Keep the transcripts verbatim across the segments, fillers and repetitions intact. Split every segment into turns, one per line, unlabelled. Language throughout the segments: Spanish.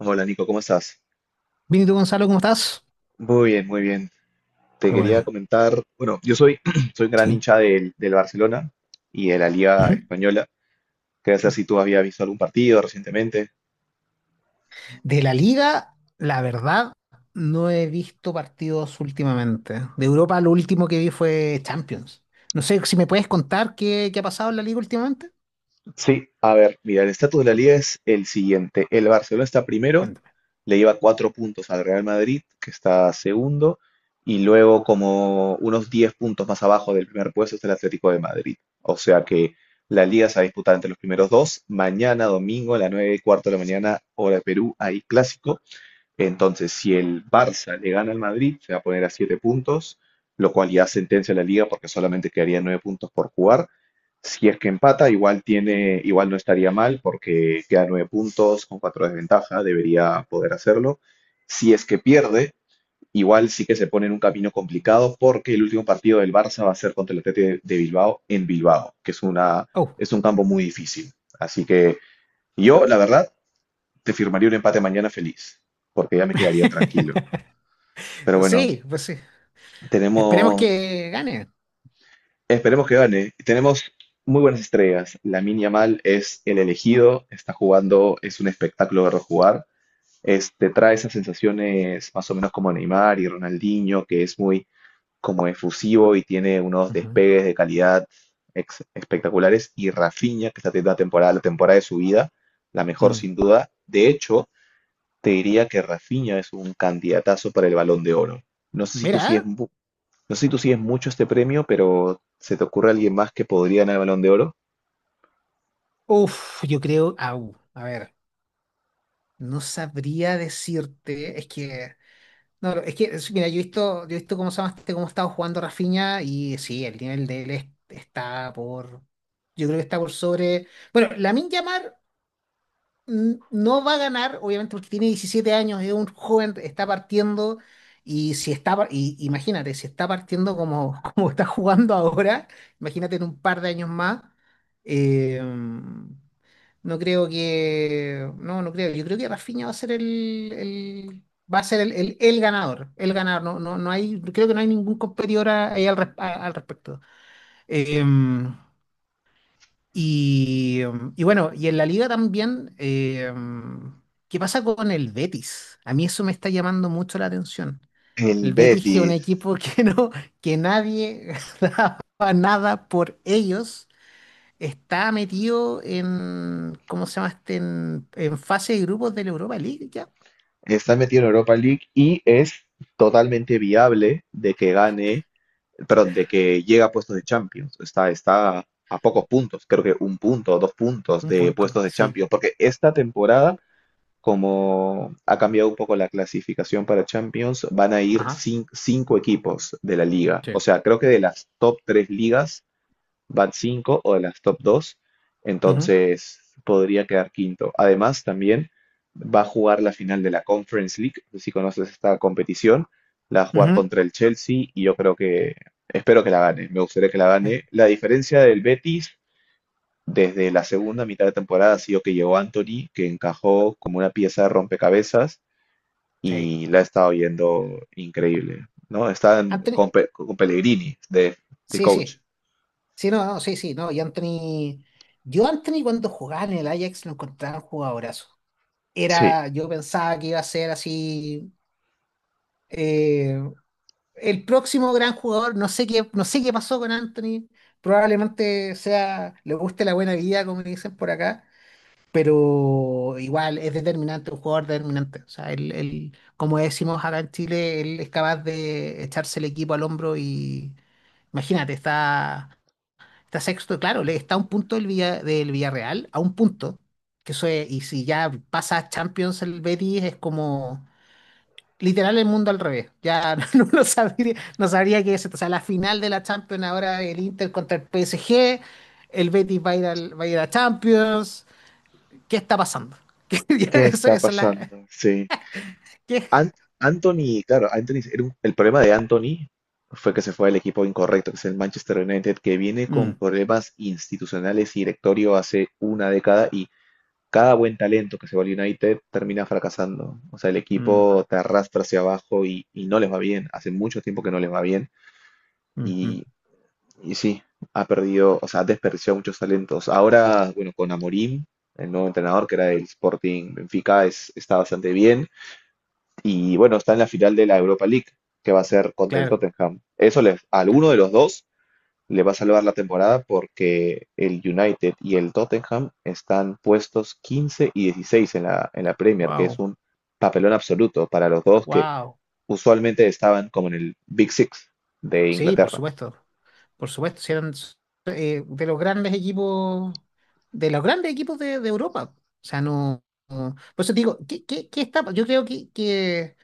Hola Nico, ¿cómo estás?
Benito Gonzalo, ¿cómo estás?
Muy bien, muy bien. Te
Qué
quería
bueno,
comentar, bueno, yo soy, soy un gran
sí.
hincha del, del Barcelona y de la Liga
Ujú.
Española. Quería saber si tú habías visto algún partido recientemente.
De la Liga, la verdad, no he visto partidos últimamente. De Europa, lo último que vi fue Champions. No sé si me puedes contar qué, qué ha pasado en la Liga últimamente.
Sí, a ver, mira, el estatus de la liga es el siguiente. El Barcelona está primero,
Cuéntame.
le lleva cuatro puntos al Real Madrid, que está segundo, y luego como unos diez puntos más abajo del primer puesto está el Atlético de Madrid. O sea que la liga se va a disputar entre los primeros dos. Mañana, domingo, a las nueve y cuarto de la mañana, hora de Perú, hay clásico. Entonces, si el Barça le gana al Madrid, se va a poner a siete puntos, lo cual ya sentencia la liga porque solamente quedarían nueve puntos por jugar. Si es que empata, igual tiene, igual no estaría mal porque queda nueve puntos con cuatro de ventaja, debería poder hacerlo. Si es que pierde, igual sí que se pone en un camino complicado porque el último partido del Barça va a ser contra el Athletic de- de Bilbao en Bilbao, que es una,
Oh.
es un campo muy difícil. Así que yo, la verdad, te firmaría un empate mañana feliz, porque ya me quedaría tranquilo. Pero bueno,
Sí, pues sí. Esperemos
tenemos,
que gane.
esperemos que gane. Tenemos muy buenas estrellas. Lamine Yamal es el elegido, está jugando, es un espectáculo verlo jugar. Este, trae esas sensaciones más o menos como Neymar y Ronaldinho, que es muy como efusivo y tiene unos
Ujú.
despegues de calidad ex- espectaculares. Y Rafinha, que está teniendo la temporada, la temporada de su vida, la mejor
Mm.
sin duda. De hecho, te diría que Rafinha es un candidatazo para el Balón de Oro. No sé si tú
Mira, ¿eh?
sigues, mu- no sé si tú sigues mucho este premio, pero ¿se te ocurre alguien más que podría ganar el Balón de Oro?
Uf, yo creo, au, a ver, no sabría decirte, es que no, pero es que, es- mira, yo he visto, yo he visto cómo se llama este, cómo ha estado jugando Rafinha y sí, el nivel de él es- está por, yo creo que está por sobre, bueno, Lamine Yamal. Mm, no va a ganar, obviamente porque tiene diecisiete años, es un joven, está partiendo y si está, par- y, imagínate, si está partiendo como, como está jugando ahora, imagínate en un par de años más, eh, no creo que. No, no creo. Yo creo que Rafinha va a ser el, el- va a ser el, el, el ganador. El ganador. No, no, no hay, creo que no hay ningún competidor a- ahí al, res- a- al respecto. Eh, y, em, y bueno, y en la liga también, eh, ¿qué pasa con el Betis? A mí eso me está llamando mucho la atención.
El
El Betis, que es un
Betis
equipo que no, que nadie daba nada por ellos, está metido en, ¿cómo se llama este? En, en fase de grupos de la Europa League, ya.
está metido en Europa League y es totalmente viable de que gane, perdón, de que llegue a puestos de Champions. Está, está a pocos puntos, creo que un punto o dos puntos
Un
de
punto,
puestos de
sí.
Champions, porque esta temporada como ha cambiado un poco la clasificación para Champions, van a ir
Ajá.
cin- cinco equipos de la liga. O
Sí.
sea, creo que de las top tres ligas van cinco o de las top dos,
Ujú,
entonces podría quedar quinto. Además, también va a jugar la final de la Conference League, si conoces esta competición, la va a jugar
ujú.
contra el Chelsea y yo creo que, espero que la gane, me gustaría que la
Eh,
gane. La diferencia del Betis desde la segunda mitad de temporada ha sido que llegó Anthony, que encajó como una pieza de rompecabezas
Sí.
y la ha estado yendo increíble, ¿no? Están
Anthony,
con, Pe- con Pellegrini de, de
sí,
coach.
sí. Sí, no, no, sí, sí, no. Y Anthony, yo Anthony cuando jugaba en el Ajax lo encontraba un jugadorazo.
Sí.
Era, yo pensaba que iba a ser así, eh, el próximo gran jugador. No sé qué, no sé qué pasó con Anthony. Probablemente sea, le guste la buena vida, como dicen por acá, pero igual es determinante, un jugador determinante. O sea, él, él, como decimos acá en Chile, él es capaz de echarse el equipo al hombro y imagínate, está, está sexto, claro, le está a un punto del, Villa- del Villarreal, a un punto, que eso es, y si ya pasa a Champions el Betis es como literal el mundo al revés. Ya no, lo sabría, no sabría qué es esto. O sea, la final de la Champions ahora el Inter contra el P S G, el Betis va a ir, al- va a ir a Champions. ¿Qué está pasando? ¿Qué, ya,
¿Qué
eso,
está
esa es la,
pasando? Sí.
qué?
An- Anthony, claro, Anthony, era un- el problema de Anthony fue que se fue al equipo incorrecto, que es el Manchester United, que viene con
Mm,
problemas institucionales y directorio hace una década. Cada buen talento que se va al United termina fracasando. O sea, el
mm,
equipo te arrastra hacia abajo y, y no les va bien. Hace mucho tiempo que no les va bien.
ujú.
Y, y sí, ha perdido, o sea, ha desperdiciado muchos talentos. Ahora, bueno, con Amorim, el nuevo entrenador que era del Sporting Benfica, es, está bastante bien. Y bueno, está en la final de la Europa League, que va a ser contra el
Claro,
Tottenham. Eso les, a alguno
claro.
de los dos le va a salvar la temporada porque el United y el Tottenham están puestos quince y dieciséis en la, en la Premier, que es
Wow,
un papelón absoluto para los dos que
wow.
usualmente estaban como en el Big Six de
Sí, por
Inglaterra.
supuesto. Por supuesto, si eran, eh, de los grandes equipos, de los grandes equipos de, de Europa. O sea, no, no- por eso te digo, ¿qué, qué- qué está? Yo creo que, que-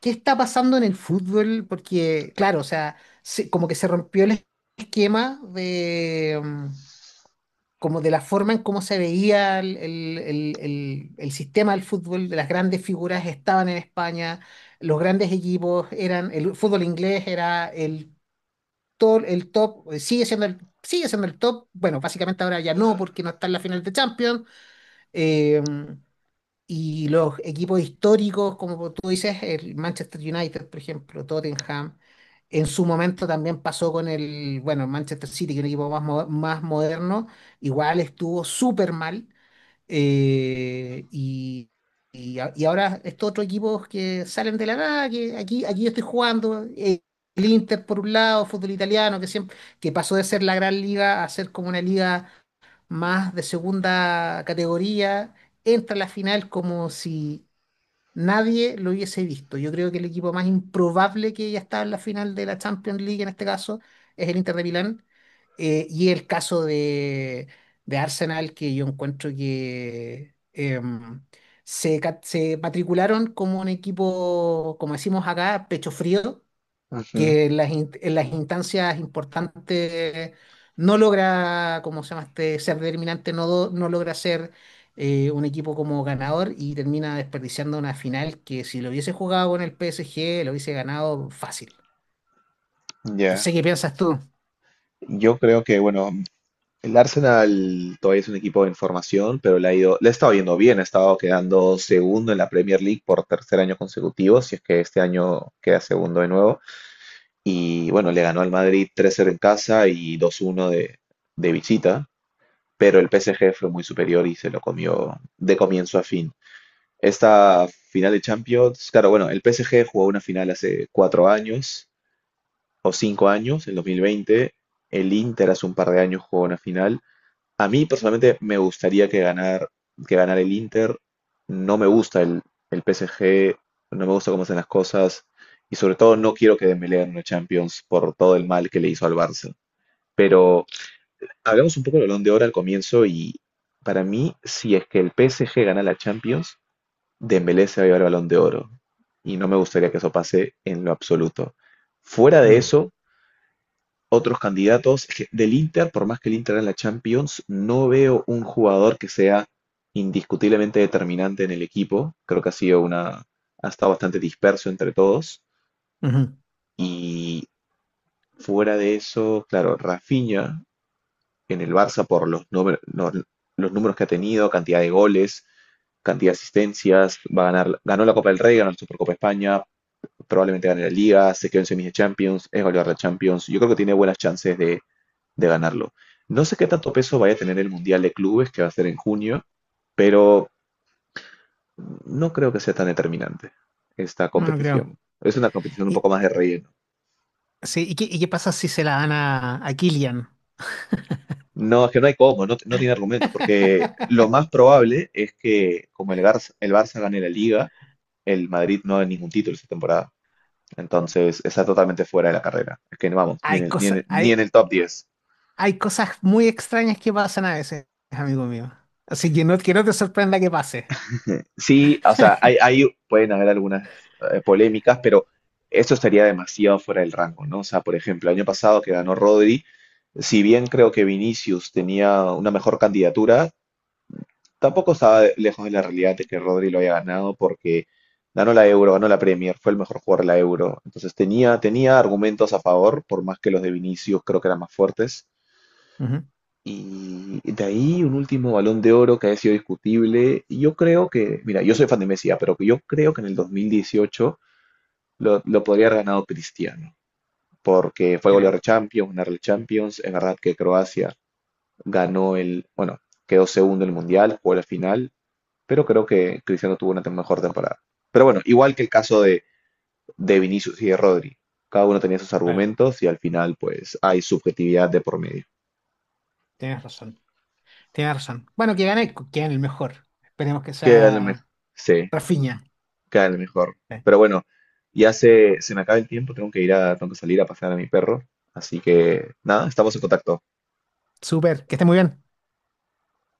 ¿qué está pasando en el fútbol? Porque, claro, o sea, se- como que se rompió el esquema de, mm, como de la forma en cómo se veía el, el- el- el- el sistema del fútbol. De las grandes figuras estaban en España, los grandes equipos eran, el fútbol inglés era el, to- el top, eh, sigue siendo el, sigue siendo el top, bueno, básicamente ahora ya no porque no está en la final de Champions. eh, y los equipos históricos, como tú dices, el Manchester United, por ejemplo, Tottenham, en su momento también pasó con el, bueno, el Manchester City, que es un equipo más, mo- más moderno, igual estuvo súper mal. eh, y, y, a- y ahora estos otros equipos que salen de la nada, que aquí, aquí yo estoy jugando, eh, el Inter por un lado, fútbol italiano, que siempre, que pasó de ser la gran liga a ser como una liga más de segunda categoría, entra a la final como si nadie lo hubiese visto. Yo creo que el equipo más improbable que ya está en la final de la Champions League en este caso es el Inter de Milán. Eh, y el caso de, de, Arsenal, que yo encuentro que em, se, ca- se matricularon como un equipo, como decimos acá, pecho frío,
Ujú.
que en las, in- en las instancias importantes no logra, como se llama este, ser determinante. No, do- no logra ser, eh, un equipo como ganador y termina desperdiciando una final que si lo hubiese jugado con el P S G lo hubiese ganado fácil.
Ya,
Entonces, ¿qué piensas tú?
yo creo que, bueno, el Arsenal todavía es un equipo en formación, pero le ha ido, le ha estado yendo bien, ha estado quedando segundo en la Premier League por tercer año consecutivo, si es que este año queda segundo de nuevo. Y bueno, le ganó al Madrid tres cero en casa y dos uno de, de visita, pero el P S G fue muy superior y se lo comió de comienzo a fin. Esta final de Champions, claro, bueno, el P S G jugó una final hace cuatro años o cinco años, en dos mil veinte. El Inter hace un par de años jugó una final. A mí personalmente me gustaría que ganar, que ganara el Inter. No me gusta el, el P S G, no me gusta cómo hacen las cosas y sobre todo no quiero que Dembélé gane una Champions por todo el mal que le hizo al Barça. Pero hablamos un poco del Balón de Oro al comienzo y para mí si es que el P S G gana la Champions, Dembélé se va a llevar el Balón de Oro y no me gustaría que eso pase en lo absoluto. Fuera de
Mm,
eso, otros candidatos del Inter, por más que el Inter en la Champions, no veo un jugador que sea indiscutiblemente determinante en el equipo. Creo que ha sido una, ha estado bastante disperso entre todos.
ujú.
Y fuera de eso, claro, Rafinha en el Barça por los, númer- no- los números que ha tenido, cantidad de goles, cantidad de asistencias, va a ganar, ganó la Copa del Rey, ganó la Supercopa de España, probablemente gane la Liga, se quedó en semis de Champions, es goleador de Champions. Yo creo que tiene buenas chances de, de ganarlo. No sé qué tanto peso vaya a tener el Mundial de Clubes que va a ser en junio, pero no creo que sea tan determinante esta
No, no creo.
competición. Es una competición un
Y,
poco más de relleno.
sí, ¿y qué, y qué pasa si se la dan a, a Kylian?
No, es que no hay cómo, no, no tiene argumentos, porque lo más probable es que como el Barça, el Barça gane la Liga, el Madrid no gane ningún título esta temporada. Entonces está totalmente fuera de la carrera. Es que no vamos, ni
Hay
en el, ni en
cosas,
el- ni en
hay,
el top diez.
hay cosas muy extrañas que pasan a veces, amigo mío. Así que no, que no te sorprenda que pase.
Sí, o sea, hay, hay- pueden haber algunas eh, polémicas, pero esto estaría demasiado fuera del rango, ¿no? O sea, por ejemplo, el año pasado que ganó Rodri, si bien creo que Vinicius tenía una mejor candidatura, tampoco estaba de- lejos de la realidad de que Rodri lo haya ganado porque ganó la Euro, ganó la Premier, fue el mejor jugador de la Euro. Entonces tenía, tenía argumentos a favor, por más que los de Vinicius creo que eran más fuertes.
Ujú.
Y de ahí un último Balón de Oro que ha sido discutible. Y yo creo que, mira, yo soy fan de Messi, ya, pero que yo creo que en el dos mil dieciocho lo, lo podría haber ganado Cristiano, porque fue goleador de
Mira,
Champions, ganar el Champions. En verdad que Croacia ganó el, bueno, quedó segundo en el Mundial, jugó la final, pero creo que Cristiano tuvo una tem- mejor temporada. Pero bueno, igual que el caso de, de Vinicius y de Rodri, cada uno tenía sus
claro,
argumentos y al final pues hay subjetividad de por medio.
tienes razón. Tienes razón. Bueno, que gane, que gane el mejor. Esperemos que
Que a lo
sea
mejor, sí.
Rafinha.
Claro, mejor.
Eh,
Pero bueno, ya se, se me acaba el tiempo, tengo que ir a, tengo que salir a pasear a mi perro. Así que nada, estamos en contacto.
Súper, que esté muy bien.